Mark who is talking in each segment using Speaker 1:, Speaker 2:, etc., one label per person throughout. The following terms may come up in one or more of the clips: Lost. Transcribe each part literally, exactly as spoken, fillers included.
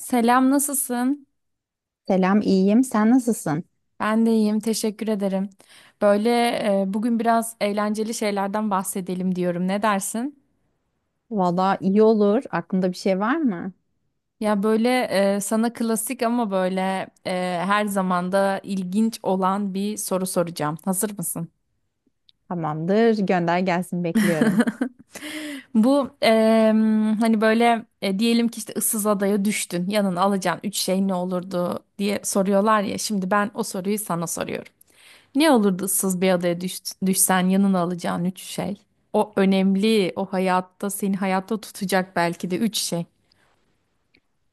Speaker 1: Selam, nasılsın?
Speaker 2: Selam, iyiyim. Sen nasılsın?
Speaker 1: Ben de iyiyim, teşekkür ederim. Böyle e, bugün biraz eğlenceli şeylerden bahsedelim diyorum. Ne dersin?
Speaker 2: Valla iyi olur. Aklında bir şey var mı?
Speaker 1: Ya böyle e, sana klasik ama böyle e, her zaman da ilginç olan bir soru soracağım. Hazır mısın?
Speaker 2: Tamamdır. Gönder gelsin. Bekliyorum.
Speaker 1: Bu em, hani böyle e, diyelim ki işte ıssız adaya düştün. Yanına alacağın üç şey ne olurdu diye soruyorlar ya. Şimdi ben o soruyu sana soruyorum. Ne olurdu ıssız bir adaya düş, düşsen yanına alacağın üç şey. O önemli, o hayatta seni hayatta tutacak belki de üç şey.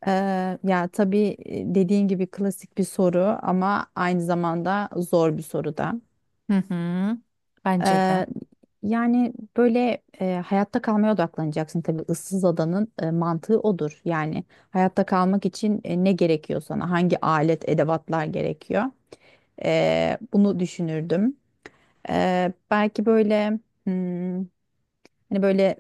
Speaker 2: Ee, ya tabii e, dediğin gibi klasik bir soru ama aynı zamanda zor bir soru da.
Speaker 1: Hı hı. Bence de.
Speaker 2: Eee, yani böyle eee, hayatta kalmaya odaklanacaksın tabii ıssız adanın eee, mantığı odur. Yani hayatta kalmak için e, ne gerekiyor sana? Hangi alet, edevatlar gerekiyor? Eee, bunu düşünürdüm. Eee, belki böyle hmm, Hani böyle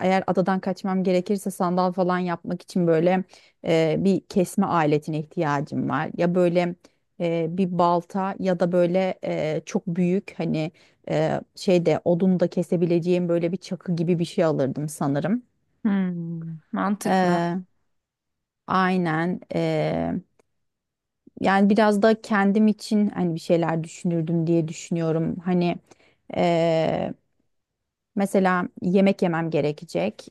Speaker 2: eğer adadan kaçmam gerekirse sandal falan yapmak için böyle e, bir kesme aletine ihtiyacım var. Ya böyle e, bir balta ya da böyle e, çok büyük hani e, şeyde odun da kesebileceğim böyle bir çakı gibi bir şey alırdım sanırım.
Speaker 1: Hmm, mantıklı.
Speaker 2: Eee, aynen. Eee, yani biraz da kendim için hani bir şeyler düşünürdüm diye düşünüyorum. Hani eee, mesela yemek yemem gerekecek.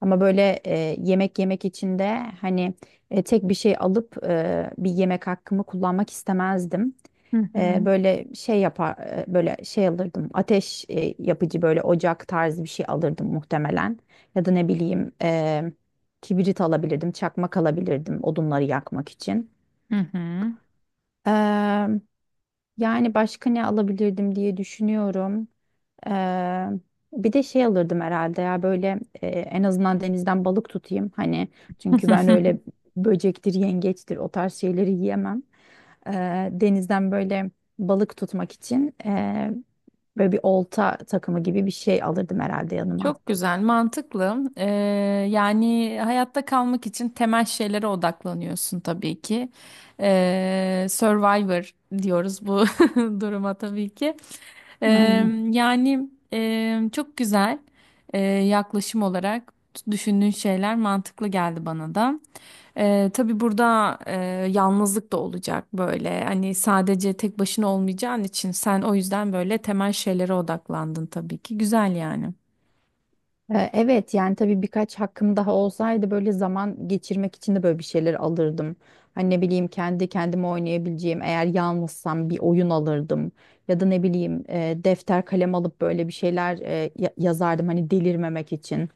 Speaker 2: Ama böyle e, yemek yemek için de hani e, tek bir şey alıp e, bir yemek hakkımı kullanmak istemezdim.
Speaker 1: Hı
Speaker 2: E,
Speaker 1: hı.
Speaker 2: böyle şey yapar e, böyle şey alırdım. Ateş e, yapıcı böyle ocak tarzı bir şey alırdım muhtemelen. Ya da ne bileyim e, kibrit alabilirdim, çakmak alabilirdim odunları yakmak için.
Speaker 1: Hı hı.
Speaker 2: Eee, yani başka ne alabilirdim diye düşünüyorum. Eee, bir de şey alırdım herhalde ya böyle e, en azından denizden balık tutayım hani çünkü ben öyle böcektir yengeçtir o tarz şeyleri yiyemem. Eee, denizden böyle balık tutmak için eee, böyle bir olta takımı gibi bir şey alırdım herhalde yanıma.
Speaker 1: Çok güzel, mantıklı. Ee, yani hayatta kalmak için temel şeylere odaklanıyorsun tabii ki. Ee, Survivor diyoruz bu duruma tabii ki. Ee,
Speaker 2: Aynen.
Speaker 1: Yani e, çok güzel e, yaklaşım olarak düşündüğün şeyler mantıklı geldi bana da. Ee, tabii burada e, yalnızlık da olacak böyle. Hani sadece tek başına olmayacağın için sen o yüzden böyle temel şeylere odaklandın tabii ki. Güzel yani.
Speaker 2: Ee, Evet, yani tabii birkaç hakkım daha olsaydı böyle zaman geçirmek için de böyle bir şeyler alırdım. Hani ne bileyim kendi kendime oynayabileceğim eğer yalnızsam bir oyun alırdım. Ya da ne bileyim e, defter kalem alıp böyle bir şeyler e, ya- yazardım hani delirmemek için.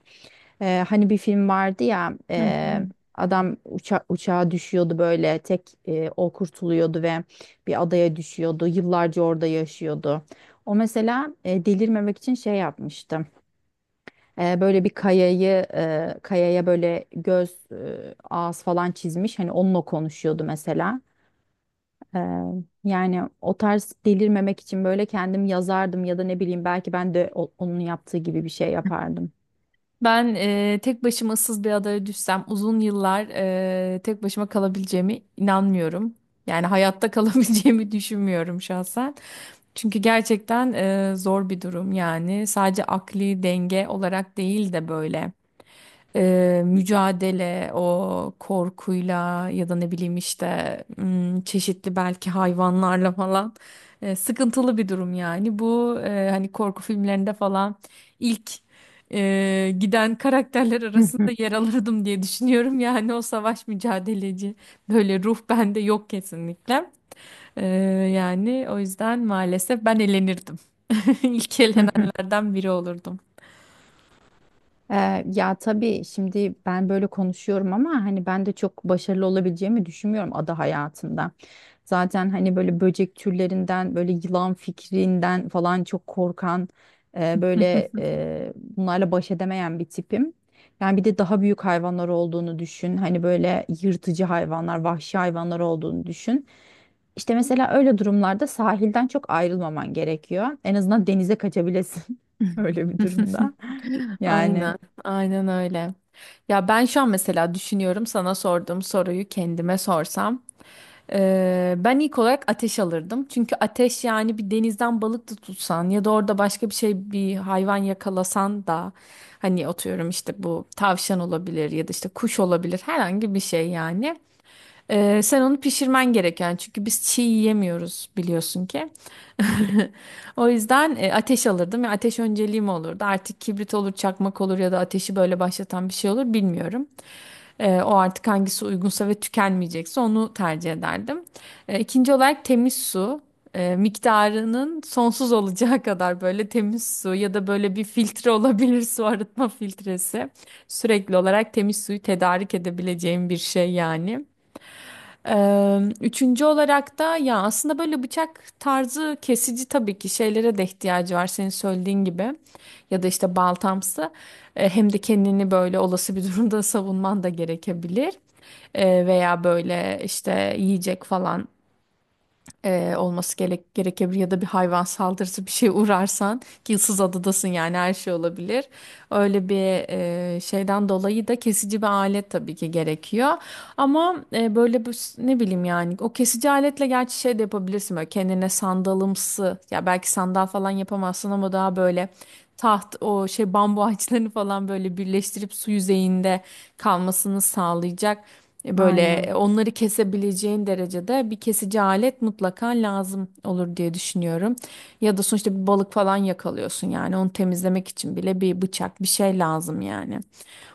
Speaker 2: Ee, hani bir film vardı ya
Speaker 1: Hı hı.
Speaker 2: e, adam uça uçağa düşüyordu böyle tek e, o kurtuluyordu ve bir adaya düşüyordu. Yıllarca orada yaşıyordu. O mesela e, delirmemek için şey yapmıştı. E, böyle bir kayayı e, kayaya böyle göz e, ağız falan çizmiş, hani onunla konuşuyordu mesela. E, yani o tarz delirmemek için böyle kendim yazardım, ya da ne bileyim belki ben de o- onun yaptığı gibi bir şey yapardım.
Speaker 1: Ben e, tek başıma ıssız bir adaya düşsem uzun yıllar e, tek başıma kalabileceğime inanmıyorum. Yani hayatta kalabileceğimi düşünmüyorum şahsen. Çünkü gerçekten e, zor bir durum yani sadece akli denge olarak değil de böyle e, mücadele o korkuyla ya da ne bileyim işte m, çeşitli belki hayvanlarla falan e, sıkıntılı bir durum yani. Bu e, hani korku filmlerinde falan ilk e, giden karakterler
Speaker 2: Hı
Speaker 1: arasında
Speaker 2: hı,
Speaker 1: yer alırdım diye düşünüyorum. Yani o savaş mücadeleci böyle ruh bende yok kesinlikle. E, Yani o yüzden maalesef ben elenirdim. İlk
Speaker 2: hı.
Speaker 1: elenenlerden biri olurdum.
Speaker 2: Ee, ya tabii şimdi ben böyle konuşuyorum ama hani ben de çok başarılı olabileceğimi düşünmüyorum ada hayatında. Zaten hani böyle böcek türlerinden böyle yılan fikrinden falan çok korkan, e, böyle e, bunlarla baş edemeyen bir tipim. Yani bir de daha büyük hayvanlar olduğunu düşün. Hani böyle yırtıcı hayvanlar, vahşi hayvanlar olduğunu düşün. İşte mesela öyle durumlarda sahilden çok ayrılmaman gerekiyor. En azından denize kaçabilesin öyle bir durumda. Yani.
Speaker 1: Aynen, aynen öyle. Ya ben şu an mesela düşünüyorum sana sorduğum soruyu kendime sorsam. Ee, ben ilk olarak ateş alırdım. Çünkü ateş yani bir denizden balık da tutsan ya da orada başka bir şey bir hayvan yakalasan da hani atıyorum işte bu tavşan olabilir ya da işte kuş olabilir herhangi bir şey yani. Ee, sen onu pişirmen gereken çünkü biz çiğ yiyemiyoruz biliyorsun ki. O yüzden e, ateş alırdım ve ateş önceliğim olurdu. Artık kibrit olur, çakmak olur ya da ateşi böyle başlatan bir şey olur bilmiyorum. Ee, o artık hangisi uygunsa ve tükenmeyecekse onu tercih ederdim. Ee, ikinci olarak temiz su. Ee, miktarının sonsuz olacağı kadar böyle temiz su ya da böyle bir filtre olabilir su arıtma filtresi. Sürekli olarak temiz suyu tedarik edebileceğim bir şey yani. Ee, üçüncü olarak da ya aslında böyle bıçak tarzı kesici tabii ki şeylere de ihtiyacı var senin söylediğin gibi ya da işte baltamsı. Ee, hem de kendini böyle olası bir durumda savunman da gerekebilir. Ee, veya böyle işte yiyecek falan e, olması gerek gerekebilir ya da bir hayvan saldırısı bir şey uğrarsan ki ıssız adadasın yani her şey olabilir. Öyle bir e, şeyden dolayı da kesici bir alet tabii ki gerekiyor. Ama e, böyle bu ne bileyim yani o kesici aletle gerçi şey de yapabilirsin böyle kendine sandalımsı ya belki sandal falan yapamazsın ama daha böyle taht o şey bambu ağaçlarını falan böyle birleştirip su yüzeyinde kalmasını sağlayacak. Böyle e,
Speaker 2: Aynen.
Speaker 1: onları kesebileceğin derecede bir kesici alet mutlaka lazım olur diye düşünüyorum. Ya da sonuçta bir balık falan yakalıyorsun yani onu temizlemek için bile bir bıçak bir şey lazım yani.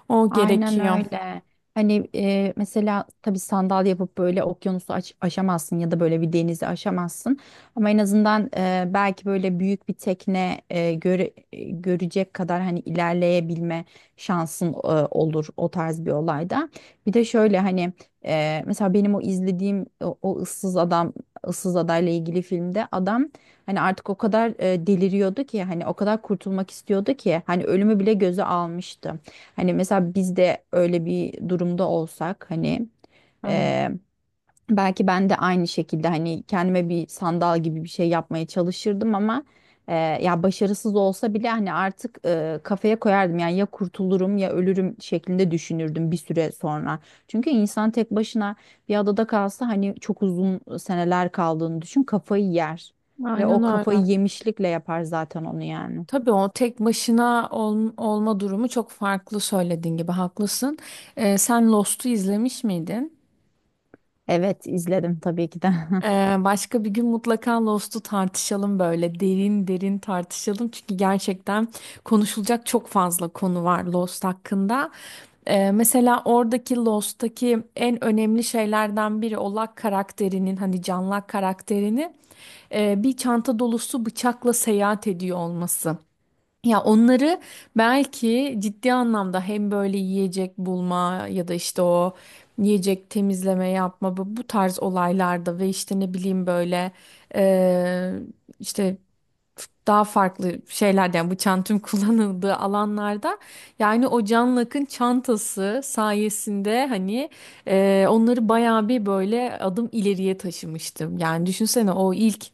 Speaker 1: O
Speaker 2: Aynen
Speaker 1: gerekiyor.
Speaker 2: öyle. Hani e, mesela tabii sandal yapıp böyle okyanusu aş- aşamazsın, ya da böyle bir denizi aşamazsın. Ama en azından e, belki böyle büyük bir tekne e, göre- e, görecek kadar hani ilerleyebilme şansın e, olur o tarz bir olayda. Bir de şöyle hani e, mesela benim o izlediğim o, o ıssız adam ıssız adayla ilgili filmde adam, hani artık o kadar e, deliriyordu ki hani o kadar kurtulmak istiyordu ki hani ölümü bile göze almıştı. Hani mesela biz de öyle bir durumda olsak hani
Speaker 1: Evet.
Speaker 2: e, belki ben de aynı şekilde hani kendime bir sandal gibi bir şey yapmaya çalışırdım, ama e, ya başarısız olsa bile hani artık e, kafaya koyardım yani ya kurtulurum ya ölürüm şeklinde düşünürdüm bir süre sonra. Çünkü insan tek başına bir adada kalsa hani çok uzun seneler kaldığını düşün, kafayı yer ve
Speaker 1: Aynen
Speaker 2: o kafayı
Speaker 1: öyle.
Speaker 2: yemişlikle yapar zaten onu yani.
Speaker 1: Tabii o tek başına ol- olma durumu çok farklı söylediğin gibi haklısın. Ee, sen Lost'u izlemiş miydin?
Speaker 2: Evet, izledim tabii ki de.
Speaker 1: Ee, başka bir gün mutlaka Lost'u tartışalım böyle derin derin tartışalım çünkü gerçekten konuşulacak çok fazla konu var Lost hakkında. Ee, mesela oradaki Lost'taki en önemli şeylerden biri Olak karakterinin hani Canlak karakterinin e, bir çanta dolusu bıçakla seyahat ediyor olması. Ya onları belki ciddi anlamda hem böyle yiyecek bulma ya da işte o yiyecek temizleme yapma bu, bu tarz olaylarda ve işte ne bileyim böyle eee, işte daha farklı şeylerden bu çantum kullanıldığı alanlarda yani o Can Lak'ın çantası sayesinde hani e, onları bayağı bir böyle adım ileriye taşımıştım. Yani düşünsene o ilk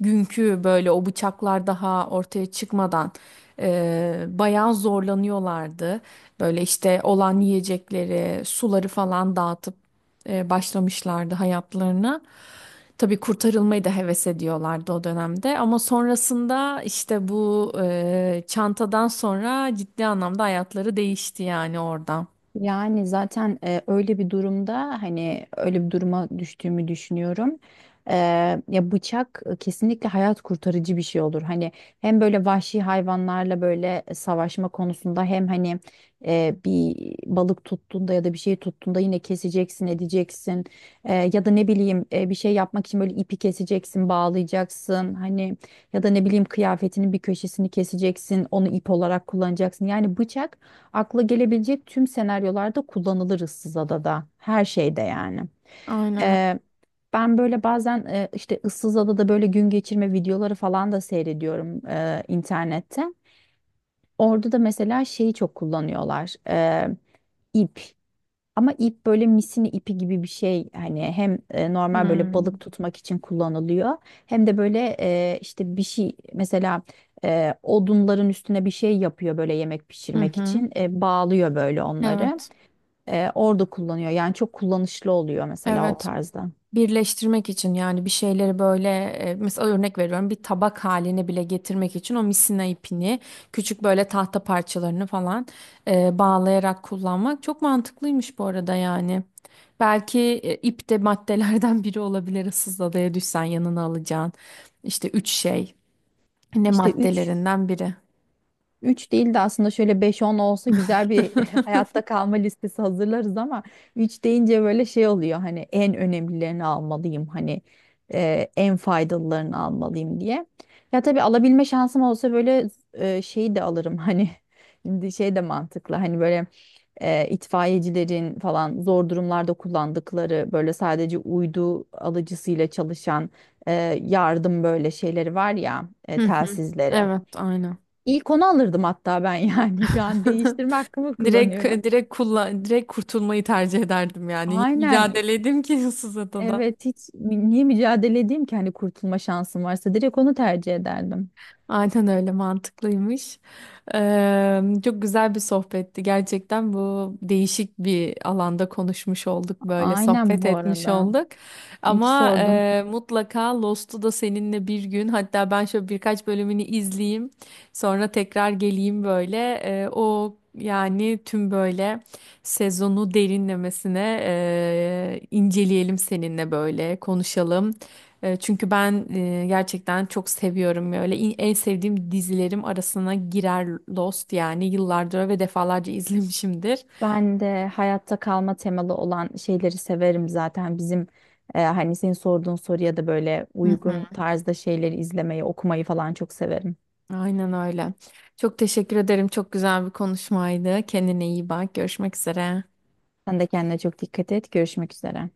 Speaker 1: günkü böyle o bıçaklar daha ortaya çıkmadan e, bayağı zorlanıyorlardı. Böyle işte olan yiyecekleri, suları falan dağıtıp e, başlamışlardı hayatlarına. Tabii kurtarılmayı da heves ediyorlardı o dönemde ama sonrasında işte bu e, çantadan sonra ciddi anlamda hayatları değişti yani orada.
Speaker 2: Yani zaten e, öyle bir durumda hani öyle bir duruma düştüğümü düşünüyorum. E, ya bıçak e, kesinlikle hayat kurtarıcı bir şey olur. Hani hem böyle vahşi hayvanlarla böyle savaşma konusunda hem hani e, bir balık tuttuğunda ya da bir şey tuttuğunda yine keseceksin, edeceksin. E, ya da ne bileyim e, bir şey yapmak için böyle ipi keseceksin, bağlayacaksın. Hani ya da ne bileyim kıyafetinin bir köşesini keseceksin, onu ip olarak kullanacaksın. Yani bıçak akla gelebilecek tüm senaryolarda kullanılır ıssız adada. Her şeyde yani.
Speaker 1: Aynen. O.
Speaker 2: Ee, ben böyle bazen e, işte ıssız adada böyle gün geçirme videoları falan da seyrediyorum e, internette. Orada da mesela şeyi çok kullanıyorlar. e, ip. Ama ip böyle misini ipi gibi bir şey. Hani hem e, normal böyle
Speaker 1: Hmm.
Speaker 2: balık tutmak için kullanılıyor. Hem de böyle e, işte bir şey mesela e, odunların üstüne bir şey yapıyor böyle yemek
Speaker 1: Hı
Speaker 2: pişirmek
Speaker 1: hı.
Speaker 2: için. E, bağlıyor böyle onları
Speaker 1: Evet.
Speaker 2: e, orada kullanıyor. Yani çok kullanışlı oluyor mesela o
Speaker 1: Evet.
Speaker 2: tarzda.
Speaker 1: Birleştirmek için yani bir şeyleri böyle e, mesela örnek veriyorum bir tabak haline bile getirmek için o misina ipini küçük böyle tahta parçalarını falan e, bağlayarak kullanmak çok mantıklıymış bu arada yani. Belki e, ip de maddelerden biri olabilir ıssız adaya düşsen yanına alacağın işte üç şey ne
Speaker 2: İşte üç.
Speaker 1: maddelerinden biri.
Speaker 2: Üç değil de aslında şöyle beş on olsa güzel bir hayatta kalma listesi hazırlarız ama üç deyince böyle şey oluyor hani en önemlilerini almalıyım, hani e, en faydalılarını almalıyım diye. Ya tabii alabilme şansım olsa böyle e, şeyi de alırım hani şimdi şey de mantıklı hani böyle e, itfaiyecilerin falan zor durumlarda kullandıkları böyle sadece uydu alıcısıyla çalışan e, yardım böyle şeyleri var ya, e,
Speaker 1: Hı hı.
Speaker 2: telsizleri.
Speaker 1: Evet, aynen.
Speaker 2: İlk onu alırdım hatta ben yani şu an değiştirme hakkımı
Speaker 1: Direkt
Speaker 2: kullanıyorum.
Speaker 1: direkt kullan direkt kurtulmayı tercih ederdim yani. Niye
Speaker 2: Aynen,
Speaker 1: mücadele edeyim ki ıssız adada?
Speaker 2: evet hiç mü- niye mücadele edeyim ki hani kurtulma şansım varsa direkt onu tercih ederdim.
Speaker 1: Aynen öyle mantıklıymış. Eee, çok güzel bir sohbetti. Gerçekten bu değişik bir alanda konuşmuş olduk böyle
Speaker 2: Aynen
Speaker 1: sohbet
Speaker 2: bu
Speaker 1: etmiş
Speaker 2: arada.
Speaker 1: olduk.
Speaker 2: İyi ki
Speaker 1: Ama
Speaker 2: sordun.
Speaker 1: eee, mutlaka Lost'u da seninle bir gün hatta ben şöyle birkaç bölümünü izleyeyim. Sonra tekrar geleyim böyle. Eee, o yani tüm böyle sezonu derinlemesine eee, inceleyelim seninle böyle konuşalım. E, Çünkü ben e, gerçekten çok seviyorum böyle İn- en sevdiğim dizilerim arasına girer Lost yani yıllardır ve defalarca izlemişimdir.
Speaker 2: Ben de hayatta kalma temalı olan şeyleri severim zaten. Bizim e, hani senin sorduğun soruya da böyle
Speaker 1: Hı
Speaker 2: uygun
Speaker 1: hı.
Speaker 2: tarzda şeyleri izlemeyi, okumayı falan çok severim.
Speaker 1: Aynen öyle. Çok teşekkür ederim. Çok güzel bir konuşmaydı. Kendine iyi bak. Görüşmek üzere.
Speaker 2: Sen de kendine çok dikkat et. Görüşmek üzere.